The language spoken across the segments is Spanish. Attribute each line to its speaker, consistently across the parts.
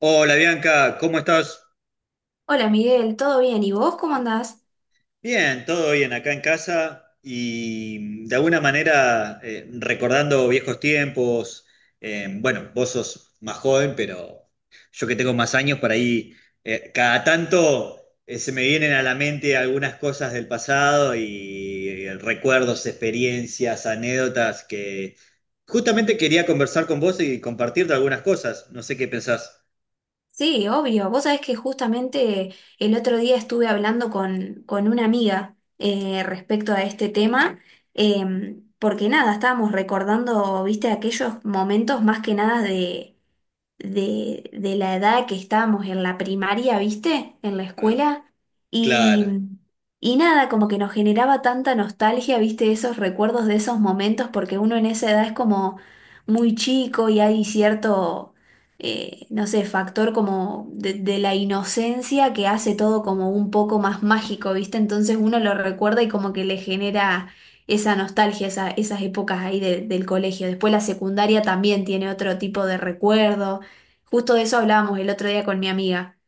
Speaker 1: Hola Bianca, ¿cómo estás?
Speaker 2: Hola Miguel, ¿todo bien? ¿Y vos cómo andás?
Speaker 1: Bien, todo bien acá en casa y de alguna manera recordando viejos tiempos. Bueno, vos sos más joven, pero yo que tengo más años por ahí, cada tanto se me vienen a la mente algunas cosas del pasado y recuerdos, experiencias, anécdotas que justamente quería conversar con vos y compartirte algunas cosas. No sé qué pensás.
Speaker 2: Sí, obvio. Vos sabés que justamente el otro día estuve hablando con una amiga, respecto a este tema. Porque nada, estábamos recordando, viste, aquellos momentos más que nada de la edad que estábamos en la primaria, ¿viste? En la escuela. Y,
Speaker 1: Claro.
Speaker 2: y nada, como que nos generaba tanta nostalgia, ¿viste? Esos recuerdos de esos momentos, porque uno en esa edad es como muy chico y hay cierto, no sé, factor como de la inocencia que hace todo como un poco más mágico, ¿viste? Entonces uno lo recuerda y como que le genera esa nostalgia, esas épocas ahí del colegio. Después la secundaria también tiene otro tipo de recuerdo. Justo de eso hablábamos el otro día con mi amiga.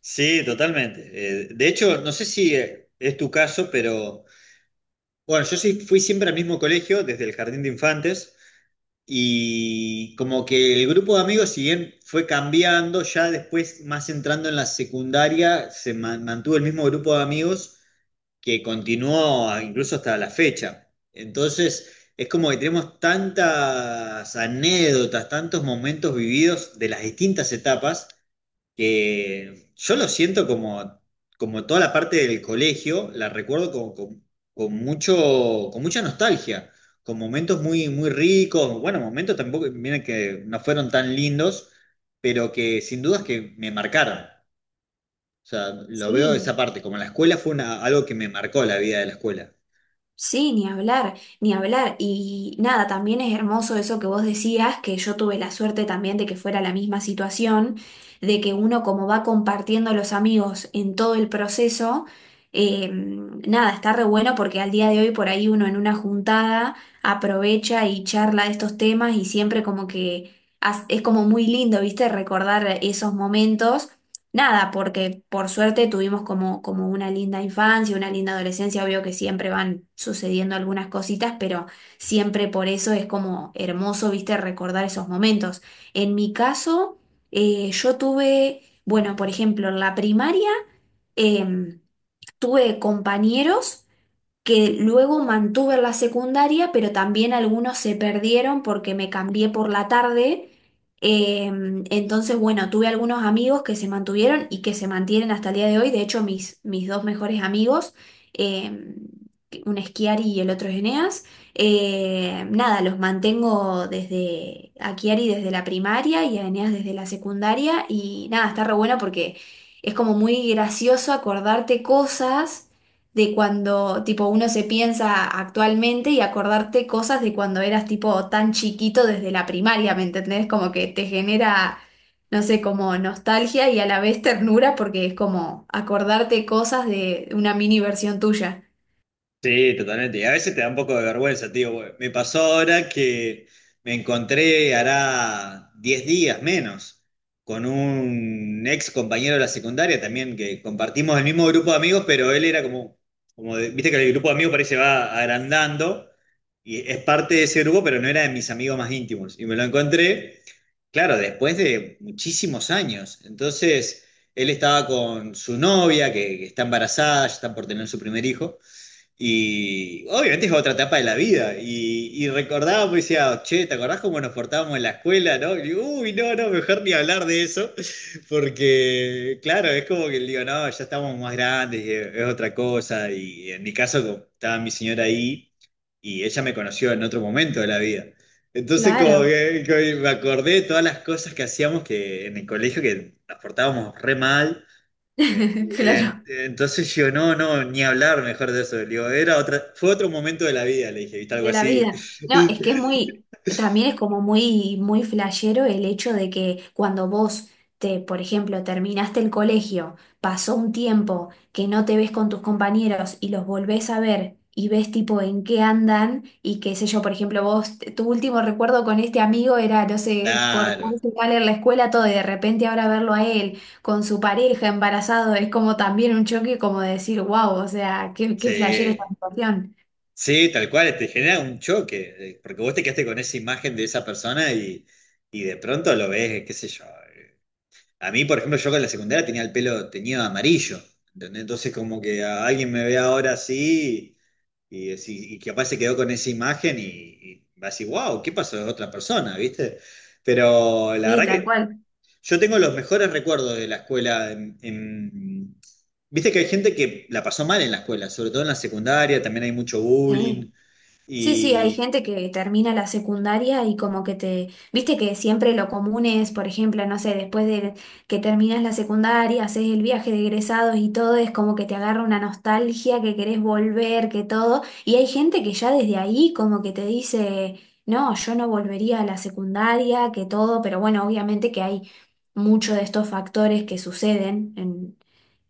Speaker 1: Sí, totalmente. De hecho, no sé si es tu caso, pero bueno, yo sí fui siempre al mismo colegio, desde el jardín de infantes, y como que el grupo de amigos, si bien fue cambiando, ya después, más entrando en la secundaria, mantuvo el mismo grupo de amigos que continuó incluso hasta la fecha. Entonces, es como que tenemos tantas anécdotas, tantos momentos vividos de las distintas etapas que yo lo siento como, como toda la parte del colegio, la recuerdo con mucho, con mucha nostalgia, con momentos muy, muy ricos, bueno, momentos tampoco, miren que no fueron tan lindos, pero que sin dudas que me marcaron. O sea, lo veo de esa
Speaker 2: Sí,
Speaker 1: parte, como la escuela fue algo que me marcó la vida de la escuela.
Speaker 2: sí, ni hablar, ni hablar. Y nada, también es hermoso eso que vos decías, que yo tuve la suerte también de que fuera la misma situación, de que uno como va compartiendo los amigos en todo el proceso. Nada, está re bueno porque al día de hoy por ahí uno en una juntada aprovecha y charla de estos temas y siempre como que es como muy lindo, ¿viste? Recordar esos momentos. Nada, porque por suerte tuvimos como una linda infancia, una linda adolescencia, obvio que siempre van sucediendo algunas cositas, pero siempre por eso es como hermoso, viste, recordar esos momentos. En mi caso, yo tuve, bueno, por ejemplo, en la primaria em, tuve compañeros que luego mantuve en la secundaria, pero también algunos se perdieron porque me cambié por la tarde. Eh, entonces, bueno, tuve algunos amigos que se mantuvieron y que se mantienen hasta el día de hoy. De hecho, mis dos mejores amigos, eh, un es Chiari y el otro es Eneas. Nada, los mantengo desde a Chiari desde la primaria y a Eneas desde la secundaria. Y nada, está re bueno porque es como muy gracioso acordarte cosas de cuando tipo uno se piensa actualmente y acordarte cosas de cuando eras tipo tan chiquito desde la primaria, ¿me entendés? Como que te genera, no sé, como nostalgia y a la vez ternura porque es como acordarte cosas de una mini versión tuya.
Speaker 1: Sí, totalmente. Y a veces te da un poco de vergüenza, tío. Güey. Me pasó ahora que me encontré, hará 10 días menos, con un ex compañero de la secundaria también, que compartimos el mismo grupo de amigos, pero él era como, viste que el grupo de amigos parece va agrandando, y es parte de ese grupo, pero no era de mis amigos más íntimos. Y me lo encontré, claro, después de muchísimos años. Entonces, él estaba con su novia, que está embarazada, ya está por tener su primer hijo. Y obviamente es otra etapa de la vida. Y recordaba, pues decía, che, ¿te acordás cómo nos portábamos en la escuela, no? Y digo, uy, no, no, mejor ni hablar de eso. Porque, claro, es como que digo, no, ya estamos más grandes, y es otra cosa. Y en mi caso, como estaba mi señora ahí y ella me conoció en otro momento de la vida. Entonces, como
Speaker 2: Claro,
Speaker 1: que, como que me acordé de todas las cosas que hacíamos que en el colegio que nos portábamos re mal. Eh, en-
Speaker 2: claro.
Speaker 1: entonces yo, no, no, ni hablar mejor de eso. Le digo, era otra, fue otro momento de la vida, le dije, ¿viste? Algo
Speaker 2: De la
Speaker 1: así.
Speaker 2: vida. No, es que es muy, también es como muy, muy flashero el hecho de que cuando vos por ejemplo, terminaste el colegio, pasó un tiempo que no te ves con tus compañeros y los volvés a ver y ves tipo en qué andan y qué sé yo. Por ejemplo, vos, tu último recuerdo con este amigo era, no sé, por
Speaker 1: Claro,
Speaker 2: tal en la escuela todo y de repente ahora verlo a él con su pareja embarazado es como también un choque como de decir, wow, o sea, qué, qué flashera esta
Speaker 1: sí,
Speaker 2: situación.
Speaker 1: sí, tal cual, te genera un choque, porque vos te quedaste con esa imagen de esa persona y de pronto lo ves, qué sé yo. A mí, por ejemplo, yo con la secundaria tenía el pelo teñido de amarillo, ¿entendés? Entonces como que a alguien me ve ahora así. Y, y capaz se quedó con esa imagen y va a decir, wow, ¿qué pasó de otra persona? ¿Viste? Pero la
Speaker 2: Sí,
Speaker 1: verdad
Speaker 2: tal
Speaker 1: que
Speaker 2: cual.
Speaker 1: yo tengo los mejores recuerdos de la escuela. Viste que hay gente que la pasó mal en la escuela, sobre todo en la secundaria, también hay mucho bullying.
Speaker 2: Sí, sí, sí, hay
Speaker 1: Y
Speaker 2: gente que termina la secundaria y como que te, viste que siempre lo común es, por ejemplo, no sé, después de que terminas la secundaria, haces el viaje de egresados y todo, es como que te agarra una nostalgia, que querés volver, que todo, y hay gente que ya desde ahí como que te dice, no, yo no volvería a la secundaria, que todo, pero bueno, obviamente que hay muchos de estos factores que suceden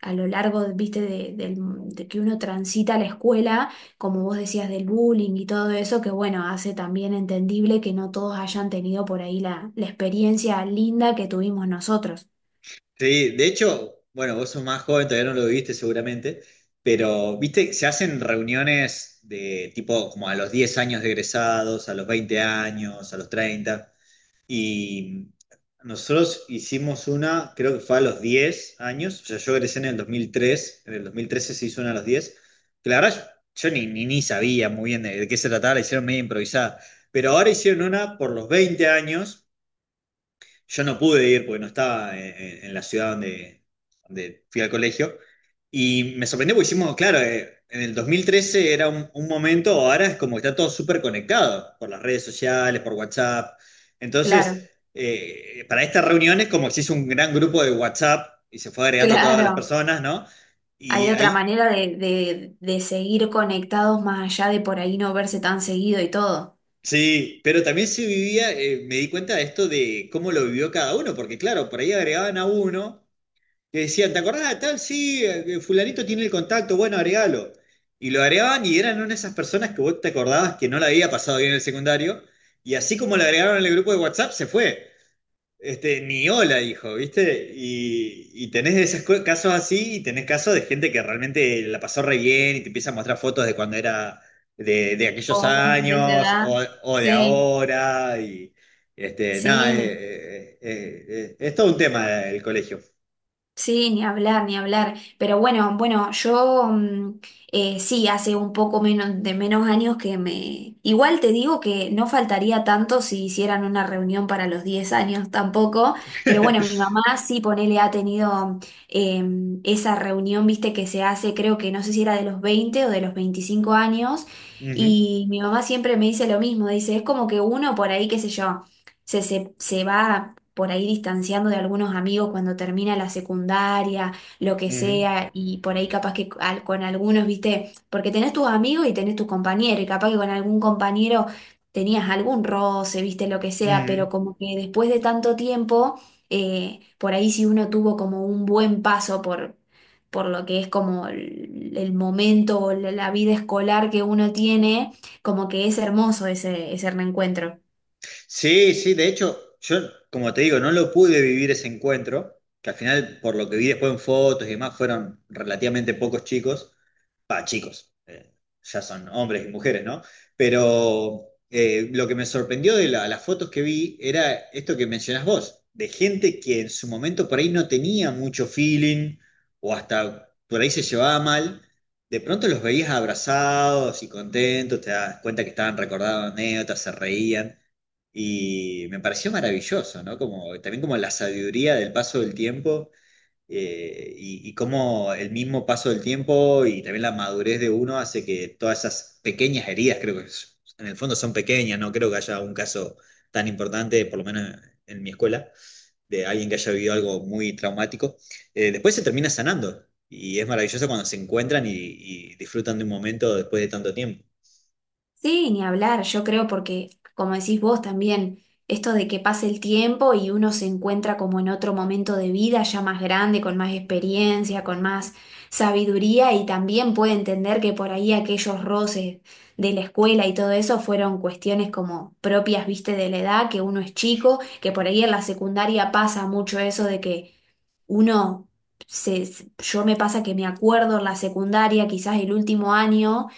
Speaker 2: a lo largo, viste, de que uno transita la escuela como vos decías, del bullying y todo eso, que bueno, hace también entendible que no todos hayan tenido por ahí la, la experiencia linda que tuvimos nosotros.
Speaker 1: sí, de hecho, bueno, vos sos más joven, todavía no lo viviste seguramente, pero viste, se hacen reuniones de tipo como a los 10 años de egresados, a los 20 años, a los treinta. Y nosotros hicimos una, creo que fue a los 10 años, o sea, yo egresé en el dos mil tres, en el 2013 se hizo una a los diez, que la verdad yo, yo ni sabía muy bien de qué se trataba, la hicieron medio improvisada, pero ahora hicieron una por los 20 años. Yo no pude ir porque no estaba en la ciudad donde, donde fui al colegio. Y me sorprendió porque hicimos, claro, en el 2013 era un momento, ahora es como que está todo súper conectado por las redes sociales, por WhatsApp. Entonces,
Speaker 2: Claro,
Speaker 1: para estas reuniones como que se hizo un gran grupo de WhatsApp y se fue agregando todas las
Speaker 2: claro.
Speaker 1: personas, ¿no? Y
Speaker 2: Hay otra
Speaker 1: ahí,
Speaker 2: manera de seguir conectados más allá de por ahí no verse tan seguido y todo.
Speaker 1: sí, pero también se vivía, me di cuenta de esto de cómo lo vivió cada uno, porque claro, por ahí agregaban a uno. Que decían, ¿te acordás de tal? Sí, fulanito tiene el contacto, bueno, agregalo. Y lo agregaban y eran una de esas personas que vos te acordabas que no la había pasado bien en el secundario. Y así como lo agregaron en el grupo de WhatsApp, se fue. Este, ni hola, dijo, ¿viste? Y tenés de esos casos así y tenés casos de gente que realmente la pasó re bien y te empieza a mostrar fotos de cuando era de aquellos
Speaker 2: Jóvenes de esa
Speaker 1: años
Speaker 2: edad.
Speaker 1: o de
Speaker 2: Sí,
Speaker 1: ahora. Y este, nada,
Speaker 2: sí.
Speaker 1: es todo un tema el colegio.
Speaker 2: Sí, ni hablar, ni hablar. Pero bueno, bueno, yo sí, hace un poco menos de menos años que me... Igual te digo que no faltaría tanto si hicieran una reunión para los 10 años tampoco, pero bueno, mi mamá sí, ponele, ha tenido eh, esa reunión, viste, que se hace, creo que no sé si era de los 20 o de los 25 años,
Speaker 1: Ujú,
Speaker 2: y mi mamá siempre me dice lo mismo, dice, es como que uno por ahí, qué sé yo. Se va por ahí distanciando de algunos amigos cuando termina la secundaria, lo que
Speaker 1: ujú,
Speaker 2: sea, y por ahí capaz que con algunos, viste, porque tenés tus amigos y tenés tus compañeros, y capaz que con algún compañero tenías algún roce, viste, lo que sea,
Speaker 1: ujú.
Speaker 2: pero como que después de tanto tiempo, por ahí si uno tuvo como un buen paso por lo que es como el momento o la la vida escolar que uno tiene, como que es hermoso ese reencuentro.
Speaker 1: Sí, sí, de hecho, yo, como te digo, no lo pude vivir ese encuentro, que al final, por lo que vi después en fotos y demás, fueron relativamente pocos chicos. Pa chicos, ya son hombres y mujeres, ¿no? Pero lo que me sorprendió de las fotos que vi era esto que mencionás vos, de gente que en su momento por ahí no tenía mucho feeling o hasta por ahí se llevaba mal, de pronto los veías abrazados y contentos, te das cuenta que estaban recordando anécdotas, se reían. Y me pareció maravilloso, ¿no? Como, también como la sabiduría del paso del tiempo, y cómo el mismo paso del tiempo y también la madurez de uno hace que todas esas pequeñas heridas, creo que en el fondo son pequeñas, no creo que haya un caso tan importante, por lo menos en mi escuela, de alguien que haya vivido algo muy traumático, después se termina sanando y es maravilloso cuando se encuentran y disfrutan de un momento después de tanto tiempo.
Speaker 2: Sí, ni hablar, yo creo porque, como decís vos también, esto de que pase el tiempo y uno se encuentra como en otro momento de vida, ya más grande, con más experiencia, con más sabiduría y también puede entender que por ahí aquellos roces de la escuela y todo eso fueron cuestiones como propias, viste, de la edad, que uno es chico, que por ahí en la secundaria pasa mucho eso de que uno yo me pasa que me acuerdo en la secundaria, quizás el último año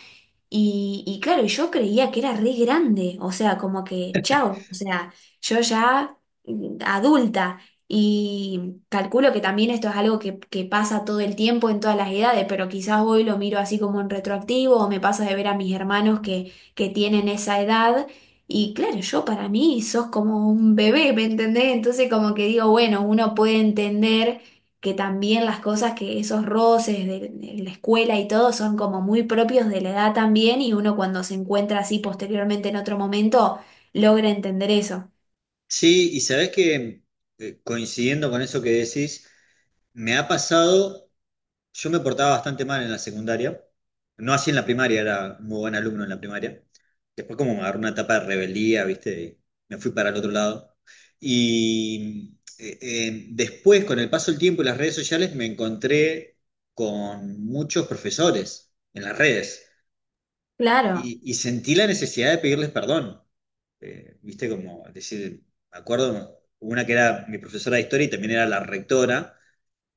Speaker 2: y claro, y yo creía que era re grande, o sea, como que, chao, o sea, yo ya adulta y calculo que también esto es algo que pasa todo el tiempo en todas las edades, pero quizás hoy lo miro así como en retroactivo o me pasa de ver a mis hermanos que tienen esa edad y claro, yo para mí sos como un bebé, ¿me entendés? Entonces como que digo, bueno, uno puede entender que también las cosas que esos roces de la escuela y todo son como muy propios de la edad también y uno cuando se encuentra así posteriormente en otro momento logra entender eso.
Speaker 1: Sí, y sabés que coincidiendo con eso que decís, me ha pasado. Yo me portaba bastante mal en la secundaria, no así en la primaria, era muy buen alumno en la primaria. Después como me agarró una etapa de rebeldía, ¿viste? Y me fui para el otro lado. Y después, con el paso del tiempo y las redes sociales, me encontré con muchos profesores en las redes
Speaker 2: Claro,
Speaker 1: y sentí la necesidad de pedirles perdón. ¿Viste? Como decir, me acuerdo, una que era mi profesora de historia y también era la rectora,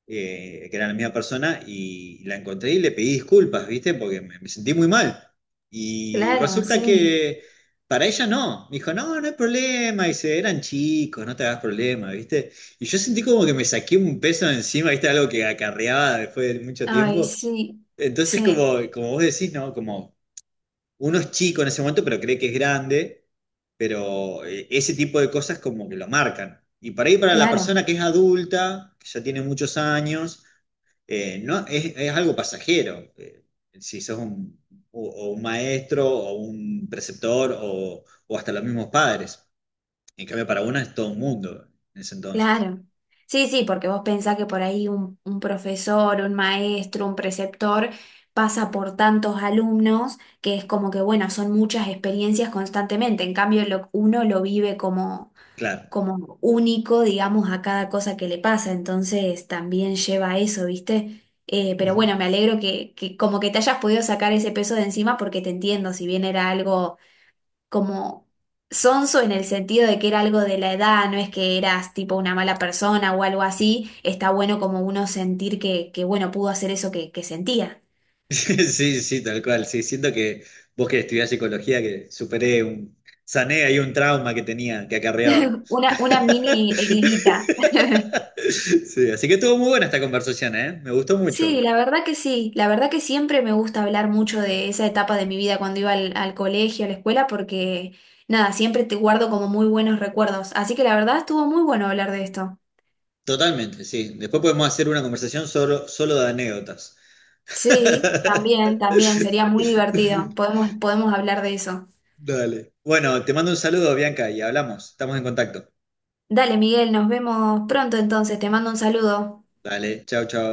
Speaker 1: que era la misma persona, y la encontré y le pedí disculpas, ¿viste? Porque me sentí muy mal. Y
Speaker 2: claro,
Speaker 1: resulta
Speaker 2: sí.
Speaker 1: que para ella no, me dijo, no, no hay problema, dice, eran chicos, no te hagas problema, ¿viste? Y yo sentí como que me saqué un peso de encima, ¿viste? Algo que acarreaba después de mucho
Speaker 2: Ay,
Speaker 1: tiempo.
Speaker 2: sí,
Speaker 1: Entonces,
Speaker 2: sí,
Speaker 1: como, como vos decís, ¿no? Como uno es chico en ese momento, pero cree que es grande, pero ese tipo de cosas como que lo marcan. Y para ahí para la
Speaker 2: claro,
Speaker 1: persona que es adulta, que ya tiene muchos años, no, es algo pasajero. Si sos un, o un maestro o un preceptor o hasta los mismos padres. En cambio, para una es todo un mundo en ese entonces.
Speaker 2: claro. Sí, sí, porque vos pensás que por ahí un profesor, un maestro, un preceptor pasa por tantos alumnos que es como que, bueno, son muchas experiencias constantemente. En cambio, uno lo vive como
Speaker 1: Claro.
Speaker 2: como único, digamos, a cada cosa que le pasa. Entonces también lleva a eso, ¿viste? Pero
Speaker 1: Ujú.
Speaker 2: bueno, me alegro que como que te hayas podido sacar ese peso de encima porque te entiendo, si bien era algo como sonso en el sentido de que era algo de la edad, no es que eras tipo una mala persona o algo así, está bueno como uno sentir que bueno, pudo hacer eso que sentía.
Speaker 1: Sí, sí, tal cual. Sí, siento que vos que estudiás psicología, que superé un, sané ahí un trauma que tenía, que acarreaba.
Speaker 2: Una mini heridita.
Speaker 1: Sí, así que estuvo muy buena esta conversación, ¿eh? Me gustó
Speaker 2: Sí,
Speaker 1: mucho.
Speaker 2: la verdad que sí, la verdad que siempre me gusta hablar mucho de esa etapa de mi vida cuando iba al colegio, a la escuela, porque nada, siempre te guardo como muy buenos recuerdos, así que la verdad estuvo muy bueno hablar de esto.
Speaker 1: Totalmente, sí. Después podemos hacer una conversación solo, solo de anécdotas.
Speaker 2: Sí, también, también, sería muy divertido, podemos, podemos hablar de eso.
Speaker 1: Dale. Bueno, te mando un saludo, Bianca, y hablamos. Estamos en contacto.
Speaker 2: Dale, Miguel, nos vemos pronto entonces, te mando un saludo.
Speaker 1: Dale, chao, chao.